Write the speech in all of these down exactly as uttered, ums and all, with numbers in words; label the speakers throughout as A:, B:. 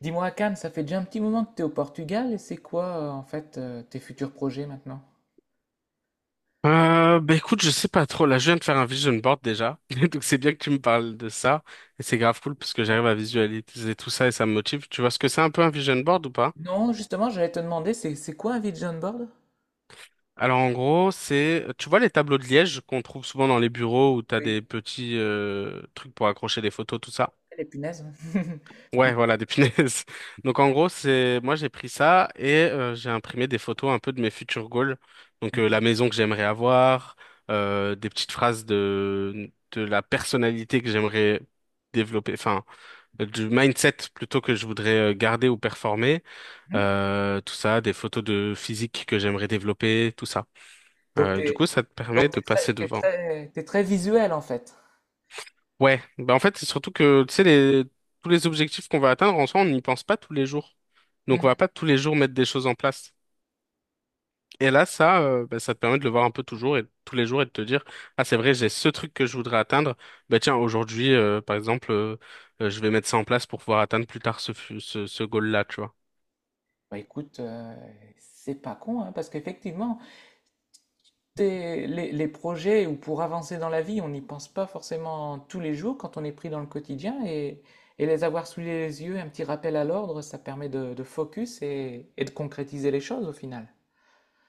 A: Dis-moi, Cannes, ça fait déjà un petit moment que tu es au Portugal et c'est quoi euh, en fait euh, tes futurs projets maintenant?
B: Euh, bah écoute, je sais pas trop. Là, je viens de faire un vision board déjà. Donc c'est bien que tu me parles de ça. Et c'est grave cool parce que
A: Ouais.
B: j'arrive à visualiser tout ça et ça me motive. Tu vois ce que c'est un peu un vision board ou pas?
A: Non, justement, j'allais te demander, c'est c'est quoi un vision board?
B: Alors en gros, c'est, tu vois les tableaux de liège qu'on trouve souvent dans les bureaux où t'as
A: Oui,
B: des petits euh, trucs pour accrocher des photos, tout ça.
A: les punaises. Oui.
B: Ouais, voilà, des punaises. Donc en gros, c'est moi j'ai pris ça et euh, j'ai imprimé des photos un peu de mes futurs goals. Donc euh, la
A: Mhm.
B: maison que j'aimerais avoir, euh, des petites phrases de de la personnalité que j'aimerais développer, enfin euh, du mindset plutôt que je voudrais euh, garder ou performer,
A: Mhm.
B: euh, tout ça, des photos de physique que j'aimerais développer, tout ça.
A: Donc
B: Euh, du coup,
A: t'es
B: ça te permet
A: donc
B: de
A: t'es
B: passer
A: très t'es
B: devant.
A: très t'es très visuel en fait.
B: Ouais, bah en fait, c'est surtout que, tu sais, les... tous les objectifs qu'on va atteindre, en soi, on n'y pense pas tous les jours. Donc, on va
A: Mhm.
B: pas tous les jours mettre des choses en place. Et là, ça, euh, bah, ça te permet de le voir un peu toujours et tous les jours et de te dire, ah, c'est vrai, j'ai ce truc que je voudrais atteindre. Bah, tiens, aujourd'hui, euh, par exemple, euh, euh, je vais mettre ça en place pour pouvoir atteindre plus tard ce, fu- ce, ce goal-là, tu vois.
A: Bah écoute, euh, c'est pas con hein, parce qu'effectivement, tes- les, les projets ou pour avancer dans la vie, on n'y pense pas forcément tous les jours quand on est pris dans le quotidien, et, et les avoir sous les yeux, un petit rappel à l'ordre, ça permet de, de focus et, et de concrétiser les choses au final.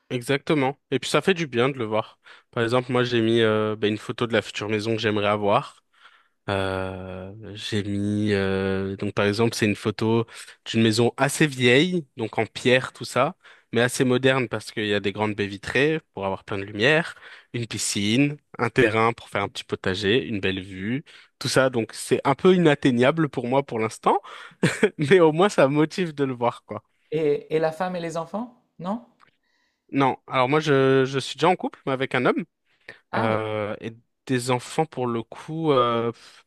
B: Exactement. Et puis ça fait du bien de le voir. Par exemple, moi j'ai mis euh, bah, une photo de la future maison que j'aimerais avoir. Euh, j'ai mis euh, donc par exemple c'est une photo d'une maison assez vieille, donc en pierre tout ça, mais assez moderne parce qu'il y a des grandes baies vitrées pour avoir plein de lumière, une piscine, un terrain pour faire un petit potager, une belle vue, tout ça. Donc c'est un peu inatteignable pour moi pour l'instant, mais au moins ça me motive de le voir quoi.
A: Et, et la femme et les enfants? Non?
B: Non, alors moi je je suis déjà en couple mais avec un homme.
A: Ah oui.
B: Euh, et des enfants, pour le coup, euh, pff,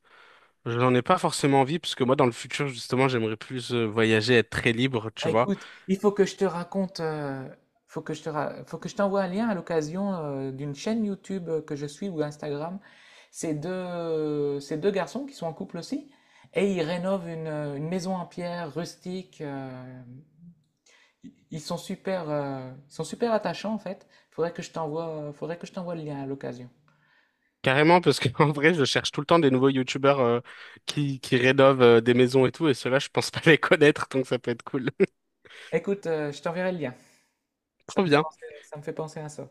B: j'en ai pas forcément envie, parce que moi, dans le futur, justement, j'aimerais plus euh, voyager, être très libre, tu
A: Ah,
B: vois.
A: écoute, il faut que je te raconte. Euh, faut que je te ra- faut que je t'envoie un lien à l'occasion euh, d'une chaîne YouTube euh, que je suis, ou Instagram. C'est deux, c'est deux garçons qui sont en couple aussi et ils rénovent une, euh, une maison en pierre rustique. euh, ils sont super, euh, ils sont super attachants en fait. Faudrait que je t'envoie, faudrait que je t'envoie le lien à l'occasion.
B: Carrément, parce que en vrai, je cherche tout le temps des nouveaux youtubeurs euh, qui, qui rénovent euh, des maisons et tout, et ceux-là, je pense pas les connaître, donc ça peut être cool.
A: Écoute, euh, je t'enverrai le lien. Ça
B: Trop
A: me fait
B: bien.
A: penser, ça me fait penser à ça.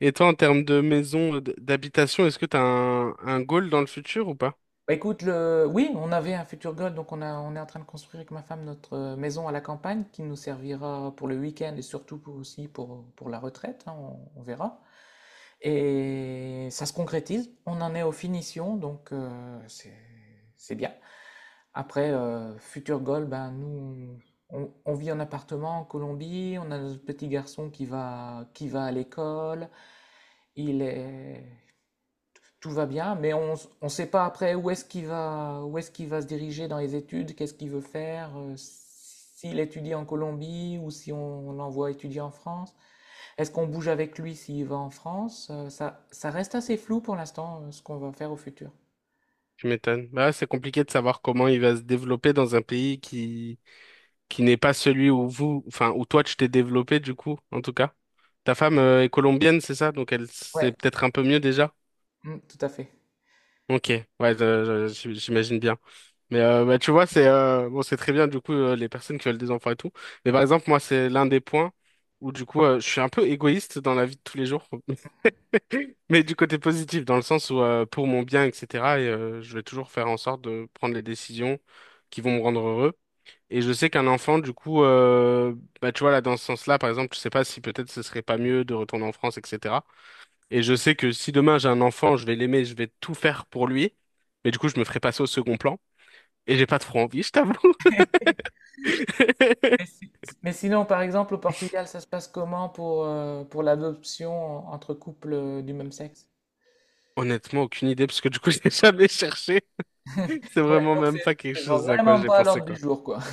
B: Et toi, en termes de maison, euh, d- d'habitation, est-ce que t'as un, un goal dans le futur ou pas?
A: Bah, écoute. Le... oui, on avait un futur goal, donc on a, on est en train de construire avec ma femme notre euh, maison à la campagne, qui nous servira pour le week-end et surtout pour- aussi pour, pour la retraite, hein, on, on verra. Et ça se concrétise, on en est aux finitions, donc euh, c'est, c'est bien. Après, euh, futur goal, ben, nous, on, on vit en appartement en Colombie. On a notre petit garçon qui va, qui va à l'école, il est, tout va bien, mais on ne sait pas après où est-ce qu'il va, où est-ce qu'il va se diriger dans les études, qu'est-ce qu'il veut faire, euh, s'il étudie en Colombie ou si on, on l'envoie étudier en France. Est-ce qu'on bouge avec lui s'il va en France? Euh, ça, ça reste assez flou pour l'instant, euh, ce qu'on va faire au futur.
B: Tu m'étonnes. Bah, ouais, c'est compliqué de savoir comment il va se développer dans un pays qui qui n'est pas celui où vous, enfin, où toi tu t'es développé du coup, en tout cas. Ta femme euh, est colombienne, c'est ça? Donc elle sait
A: Ouais,
B: peut-être un peu mieux déjà.
A: mm, tout à fait.
B: Ok, ouais, je- je- j'imagine bien. Mais euh, bah, tu vois, c'est euh, bon, c'est très bien du coup euh, les personnes qui veulent des enfants et tout. Mais par exemple, moi, c'est l'un des points où du coup, euh, je suis un peu égoïste dans la vie de tous les jours, mais du côté positif, dans le sens où euh, pour mon bien, et cetera. Et euh, je vais toujours faire en sorte de prendre les décisions qui vont me rendre heureux. Et je sais qu'un enfant, du coup, euh, bah, tu vois, là, dans ce sens-là, par exemple, je sais pas si peut-être ce serait pas mieux de retourner en France, et cetera. Et je sais que si demain j'ai un enfant, je vais l'aimer, je vais tout faire pour lui. Mais du coup, je me ferai passer au second plan. Et j'ai pas trop envie, je t'avoue.
A: Mais, si- mais sinon, par exemple, au Portugal, ça se passe comment pour, euh, pour l'adoption entre couples euh, du même sexe?
B: Honnêtement, aucune idée, parce que du coup, j'ai jamais cherché. C'est
A: Ouais,
B: vraiment
A: donc
B: même
A: c'est
B: pas quelque
A: c'est
B: chose à quoi
A: vraiment
B: j'ai
A: pas à
B: pensé,
A: l'ordre du
B: quoi.
A: jour, quoi.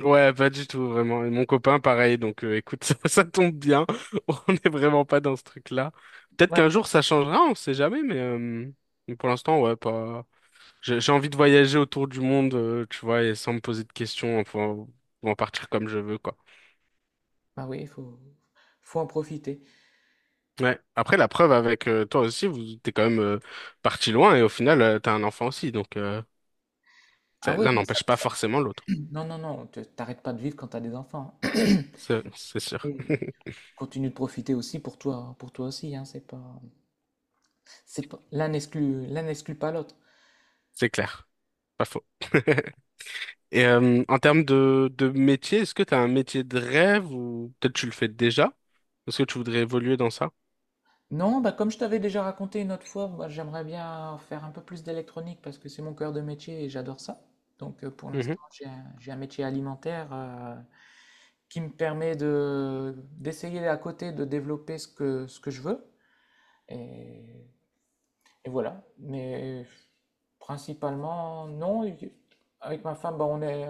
B: Ouais, pas du tout, vraiment. Et mon copain, pareil. Donc, euh, écoute, ça, ça tombe bien. On n'est vraiment pas dans ce truc-là. Peut-être qu'un jour, ça changera, on sait jamais, mais euh, mais pour l'instant, ouais, pas. J'ai j'ai envie de voyager autour du monde, euh, tu vois, et sans me poser de questions, enfin, ou en partir comme je veux, quoi.
A: Bah oui, il faut, faut en profiter.
B: Ouais. Après, la preuve avec euh, toi aussi, vous t'es quand même euh, parti loin, et au final, euh, t'as un enfant aussi, donc euh,
A: Ah
B: ça-
A: oui,
B: l'un
A: non, ça-
B: n'empêche pas
A: ça-
B: forcément l'autre.
A: non, non, non, tu- t'arrêtes pas de vivre quand t'as des enfants.
B: C'est c'est sûr,
A: Et tu continues de profiter aussi pour toi, pour toi aussi, hein. c'est pas, c'est pas, l'un n'exclut, l'un n'exclut pas l'autre.
B: c'est clair, pas faux. Et euh, en termes de, de métier, est-ce que tu as un métier de rêve ou peut-être tu le fais déjà? Est-ce que tu voudrais évoluer dans ça?
A: Non, bah comme je t'avais déjà raconté une autre fois, moi, j'aimerais bien faire un peu plus d'électronique parce que c'est mon cœur de métier et j'adore ça. Donc euh, pour
B: Mhm,
A: l'instant, j'ai un, j'ai un métier alimentaire euh, qui me permet de, d'essayer à côté de développer ce que, ce que je veux. Et Et voilà. Mais principalement, non. y- Avec ma femme, bah, on est,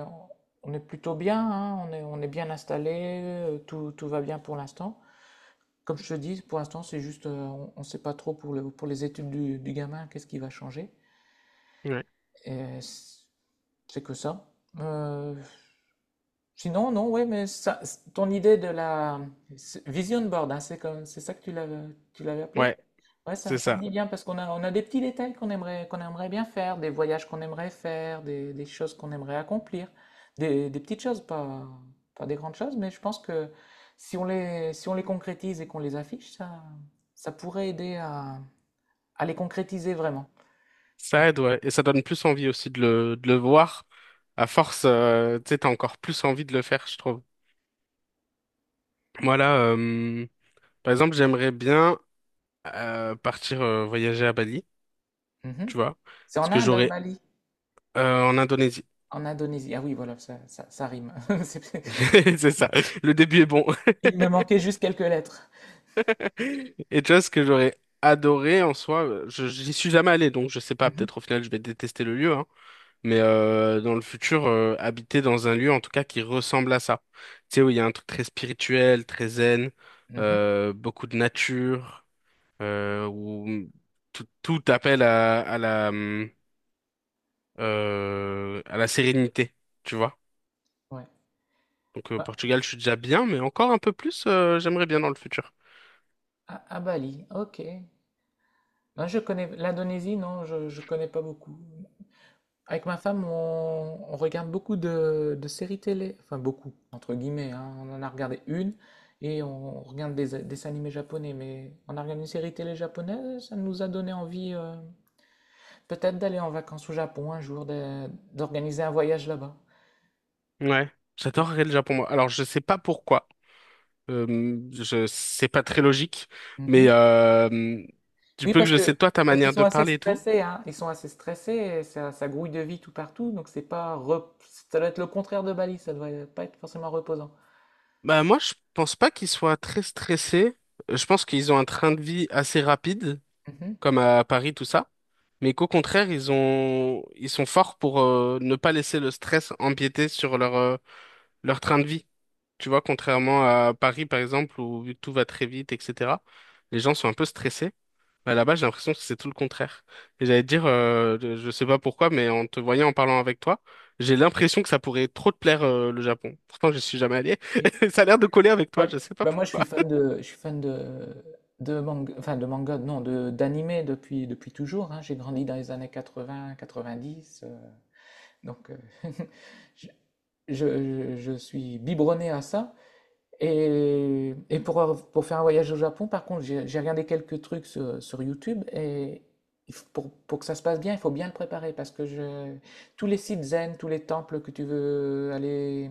A: on est plutôt bien, hein. On est, on est bien installé, euh, tout, tout va bien pour l'instant. Comme je te dis, pour l'instant, c'est juste. Euh, on ne sait pas trop pour le, pour les études du, du gamin, qu'est-ce qui va changer.
B: ouais,
A: Et c'est c'est que ça. Euh, Sinon, non, oui, mais ça- ton idée de la c'est- vision board, hein, c'est comme, c'est ça que tu l'avais, tu l'avais appelé?
B: ouais,
A: Ouais,
B: c'est
A: ça, ça me
B: ça.
A: dit bien parce qu'on a, on a des petits détails qu'on aimerait, qu'on aimerait bien faire, des voyages qu'on aimerait faire, des, des choses qu'on aimerait accomplir, des, des petites choses, pas, pas des grandes choses, mais je pense que si on les, si on les concrétise et qu'on les affiche, ça, ça pourrait aider à, à les concrétiser vraiment. Donc,
B: Ça aide, ouais. Et ça donne plus envie aussi de le, de le voir. À force, euh, tu sais, t'as encore plus envie de le faire, je trouve. Moi, là, euh, par exemple, j'aimerais bien euh, partir euh, voyager à Bali,
A: mhm.
B: tu vois,
A: C'est
B: parce
A: en
B: que
A: Inde, hein,
B: j'aurais
A: Bali,
B: euh, en Indonésie.
A: en Indonésie. Ah oui, voilà, ça, ça, ça rime. C'est-
B: C'est ça. Le début est bon.
A: Il me manquait juste quelques lettres.
B: Et tu vois, ce que j'aurais adoré en soi, euh, je, j'y suis jamais allé, donc je sais pas,
A: Mhm,
B: peut-être au final je vais détester le lieu, hein, mais euh, dans le futur, euh, habiter dans un lieu en tout cas qui ressemble à ça. Tu sais, où il y a un truc très spirituel, très zen,
A: mhm.
B: euh, beaucoup de nature, euh, où tout, tout appelle à, à la, hum, euh, à la sérénité, tu vois.
A: Ouais.
B: Donc, au
A: Ah,
B: Portugal, je suis déjà bien, mais encore un peu plus, euh, j'aimerais bien dans le futur.
A: ah- ah, Bali, ok. Non, je connais l'Indonésie, non, je, je connais pas beaucoup. Avec ma femme, on, on regarde beaucoup de, de séries télé, enfin beaucoup, entre guillemets, hein. On en a regardé une, et on regarde des, des dessins animés japonais, mais on a regardé une série télé japonaise, ça nous a donné envie euh, peut-être d'aller en vacances au Japon un jour, de- d'organiser un voyage là-bas.
B: Ouais,
A: Ouais.
B: j'adorerais le Japon, moi. Alors, je sais pas pourquoi. Euh, je c'est pas très logique,
A: Mhm.
B: mais euh, du
A: Oui,
B: peu que
A: parce
B: je sais
A: que
B: de toi, ta
A: parce qu'ils
B: manière
A: sont
B: de
A: assez
B: parler et tout,
A: stressés, hein. Ils sont assez stressés, et ça, ça grouille de vie tout partout, donc c'est pas rep- ça doit être le contraire de Bali, ça doit pas être forcément reposant.
B: bah moi, je pense pas qu'ils soient très stressés. Je pense qu'ils ont un train de vie assez rapide,
A: Mhm.
B: comme à Paris, tout ça, mais qu'au contraire, ils ont ils sont forts pour euh, ne pas laisser le stress empiéter sur leur euh, leur train de vie. Tu vois, contrairement à Paris, par exemple, où tout va très vite, et cetera. Les gens sont un peu stressés. Bah, là-bas, j'ai l'impression que c'est tout le contraire. Et j'allais te dire, euh, je je sais pas pourquoi, mais en te voyant, en parlant avec toi, j'ai l'impression que ça pourrait trop te plaire, euh, le Japon. Pourtant, je suis jamais allé.
A: Oui.
B: Ça a l'air de coller avec
A: Ouais.
B: toi, je sais pas
A: Bah moi, je suis
B: pourquoi.
A: fan de je suis fan de de manga, enfin de manga, non, de d'animé depuis depuis toujours, hein. J'ai grandi dans les années quatre-vingt, quatre-vingt-dix, euh, donc euh, je, je, je suis biberonné à ça. Et, et pour, pour faire un voyage au Japon, par contre, j'ai j'ai regardé quelques trucs sur, sur YouTube, et il f- pour, pour que ça se passe bien, il faut bien le préparer. Parce que je, tous les sites zen, tous les temples que tu veux aller,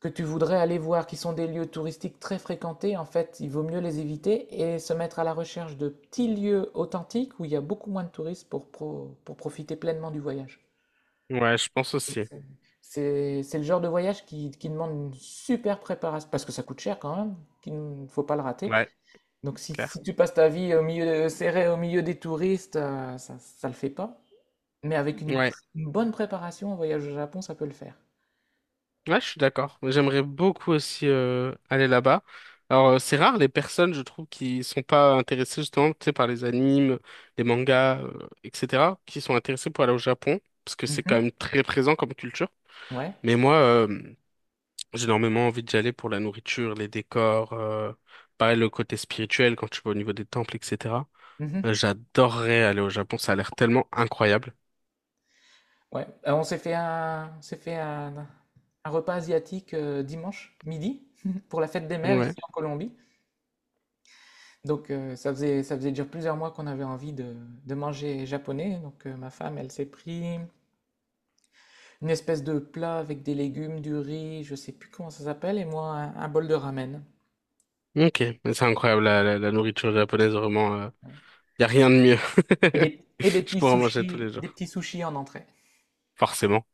A: que tu voudrais aller voir, qui sont des lieux touristiques très fréquentés, en fait, il vaut mieux les éviter et se mettre à la recherche de petits lieux authentiques où il y a beaucoup moins de touristes pour, pro- pour profiter pleinement du voyage.
B: Ouais, je pense aussi.
A: C'est c'est- le genre de voyage qui, qui demande une super préparation, parce que ça coûte cher quand même, qu'il ne faut pas le rater.
B: Ouais,
A: Donc si,
B: clair.
A: si tu passes ta vie au milieu de, serré au milieu des touristes, euh, ça ne le fait pas. Mais avec une,
B: Ouais,
A: une bonne préparation, un voyage au Japon, ça peut le faire.
B: ouais, je suis d'accord. J'aimerais beaucoup aussi euh, aller là-bas. Alors, euh, c'est rare les personnes, je trouve, qui sont pas intéressées justement, tu sais, par les animes, les mangas, euh, et cetera, qui sont intéressées pour aller au Japon, parce que c'est quand
A: Mhm.
B: même très présent comme culture.
A: Ouais.
B: Mais moi, euh, j'ai énormément envie d'y aller pour la nourriture, les décors, euh, pareil le côté spirituel quand tu vas au niveau des temples, et cetera.
A: Mhm.
B: Euh, J'adorerais aller au Japon, ça a l'air tellement incroyable.
A: Ouais. Euh, on s'est fait un, on s'est fait un, un repas asiatique euh, dimanche midi, pour la fête des mères
B: Ouais,
A: ici en Colombie. Donc, heu, ça faisait ça faisait déjà plusieurs mois qu'on avait envie de de manger japonais, donc heu, ma femme, elle s'est pris une espèce de plat avec des légumes, du riz, je sais plus comment ça s'appelle, et moi un un bol de ramen.
B: ok. Mais c'est incroyable, la, la- la nourriture japonaise, vraiment, euh,
A: Ouais,
B: y a rien de mieux.
A: et des et des
B: Je
A: petits
B: pourrais en manger tous
A: sushis
B: les
A: des
B: jours,
A: petits sushis en entrée.
B: forcément.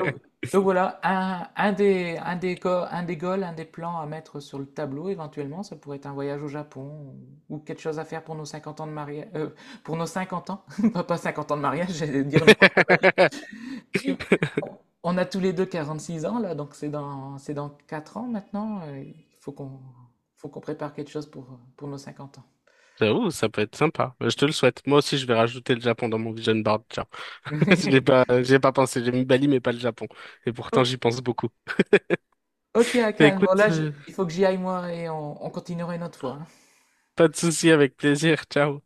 A: Donc donc voilà, un un des un des go un des goals, un des plans à mettre sur le tableau éventuellement, ça pourrait être un voyage au Japon ou ou quelque chose à faire pour nos cinquante ans de mariage, euh, pour nos cinquante ans, pas pas cinquante ans de mariage, j'allais dire une grosse. Parce que on a tous les deux quarante-six ans, là, donc c'est dans, c'est dans quatre ans maintenant. euh, Il faut qu'on faut qu'on prépare quelque chose pour, pour nos cinquante ans.
B: J'avoue, ça peut être sympa. Euh, Je te le souhaite. Moi aussi, je vais rajouter le Japon dans mon vision board. Tiens, je l'ai pas, j'ai pas pensé. J'ai mis Bali, mais pas le Japon. Et pourtant,
A: O-
B: j'y pense beaucoup.
A: Ok,
B: Bah,
A: Hakan, bon
B: écoute,
A: là, je-
B: euh,
A: il faut que j'y aille moi, et on, on continuera une autre fois, hein.
B: pas de souci, avec plaisir. Ciao.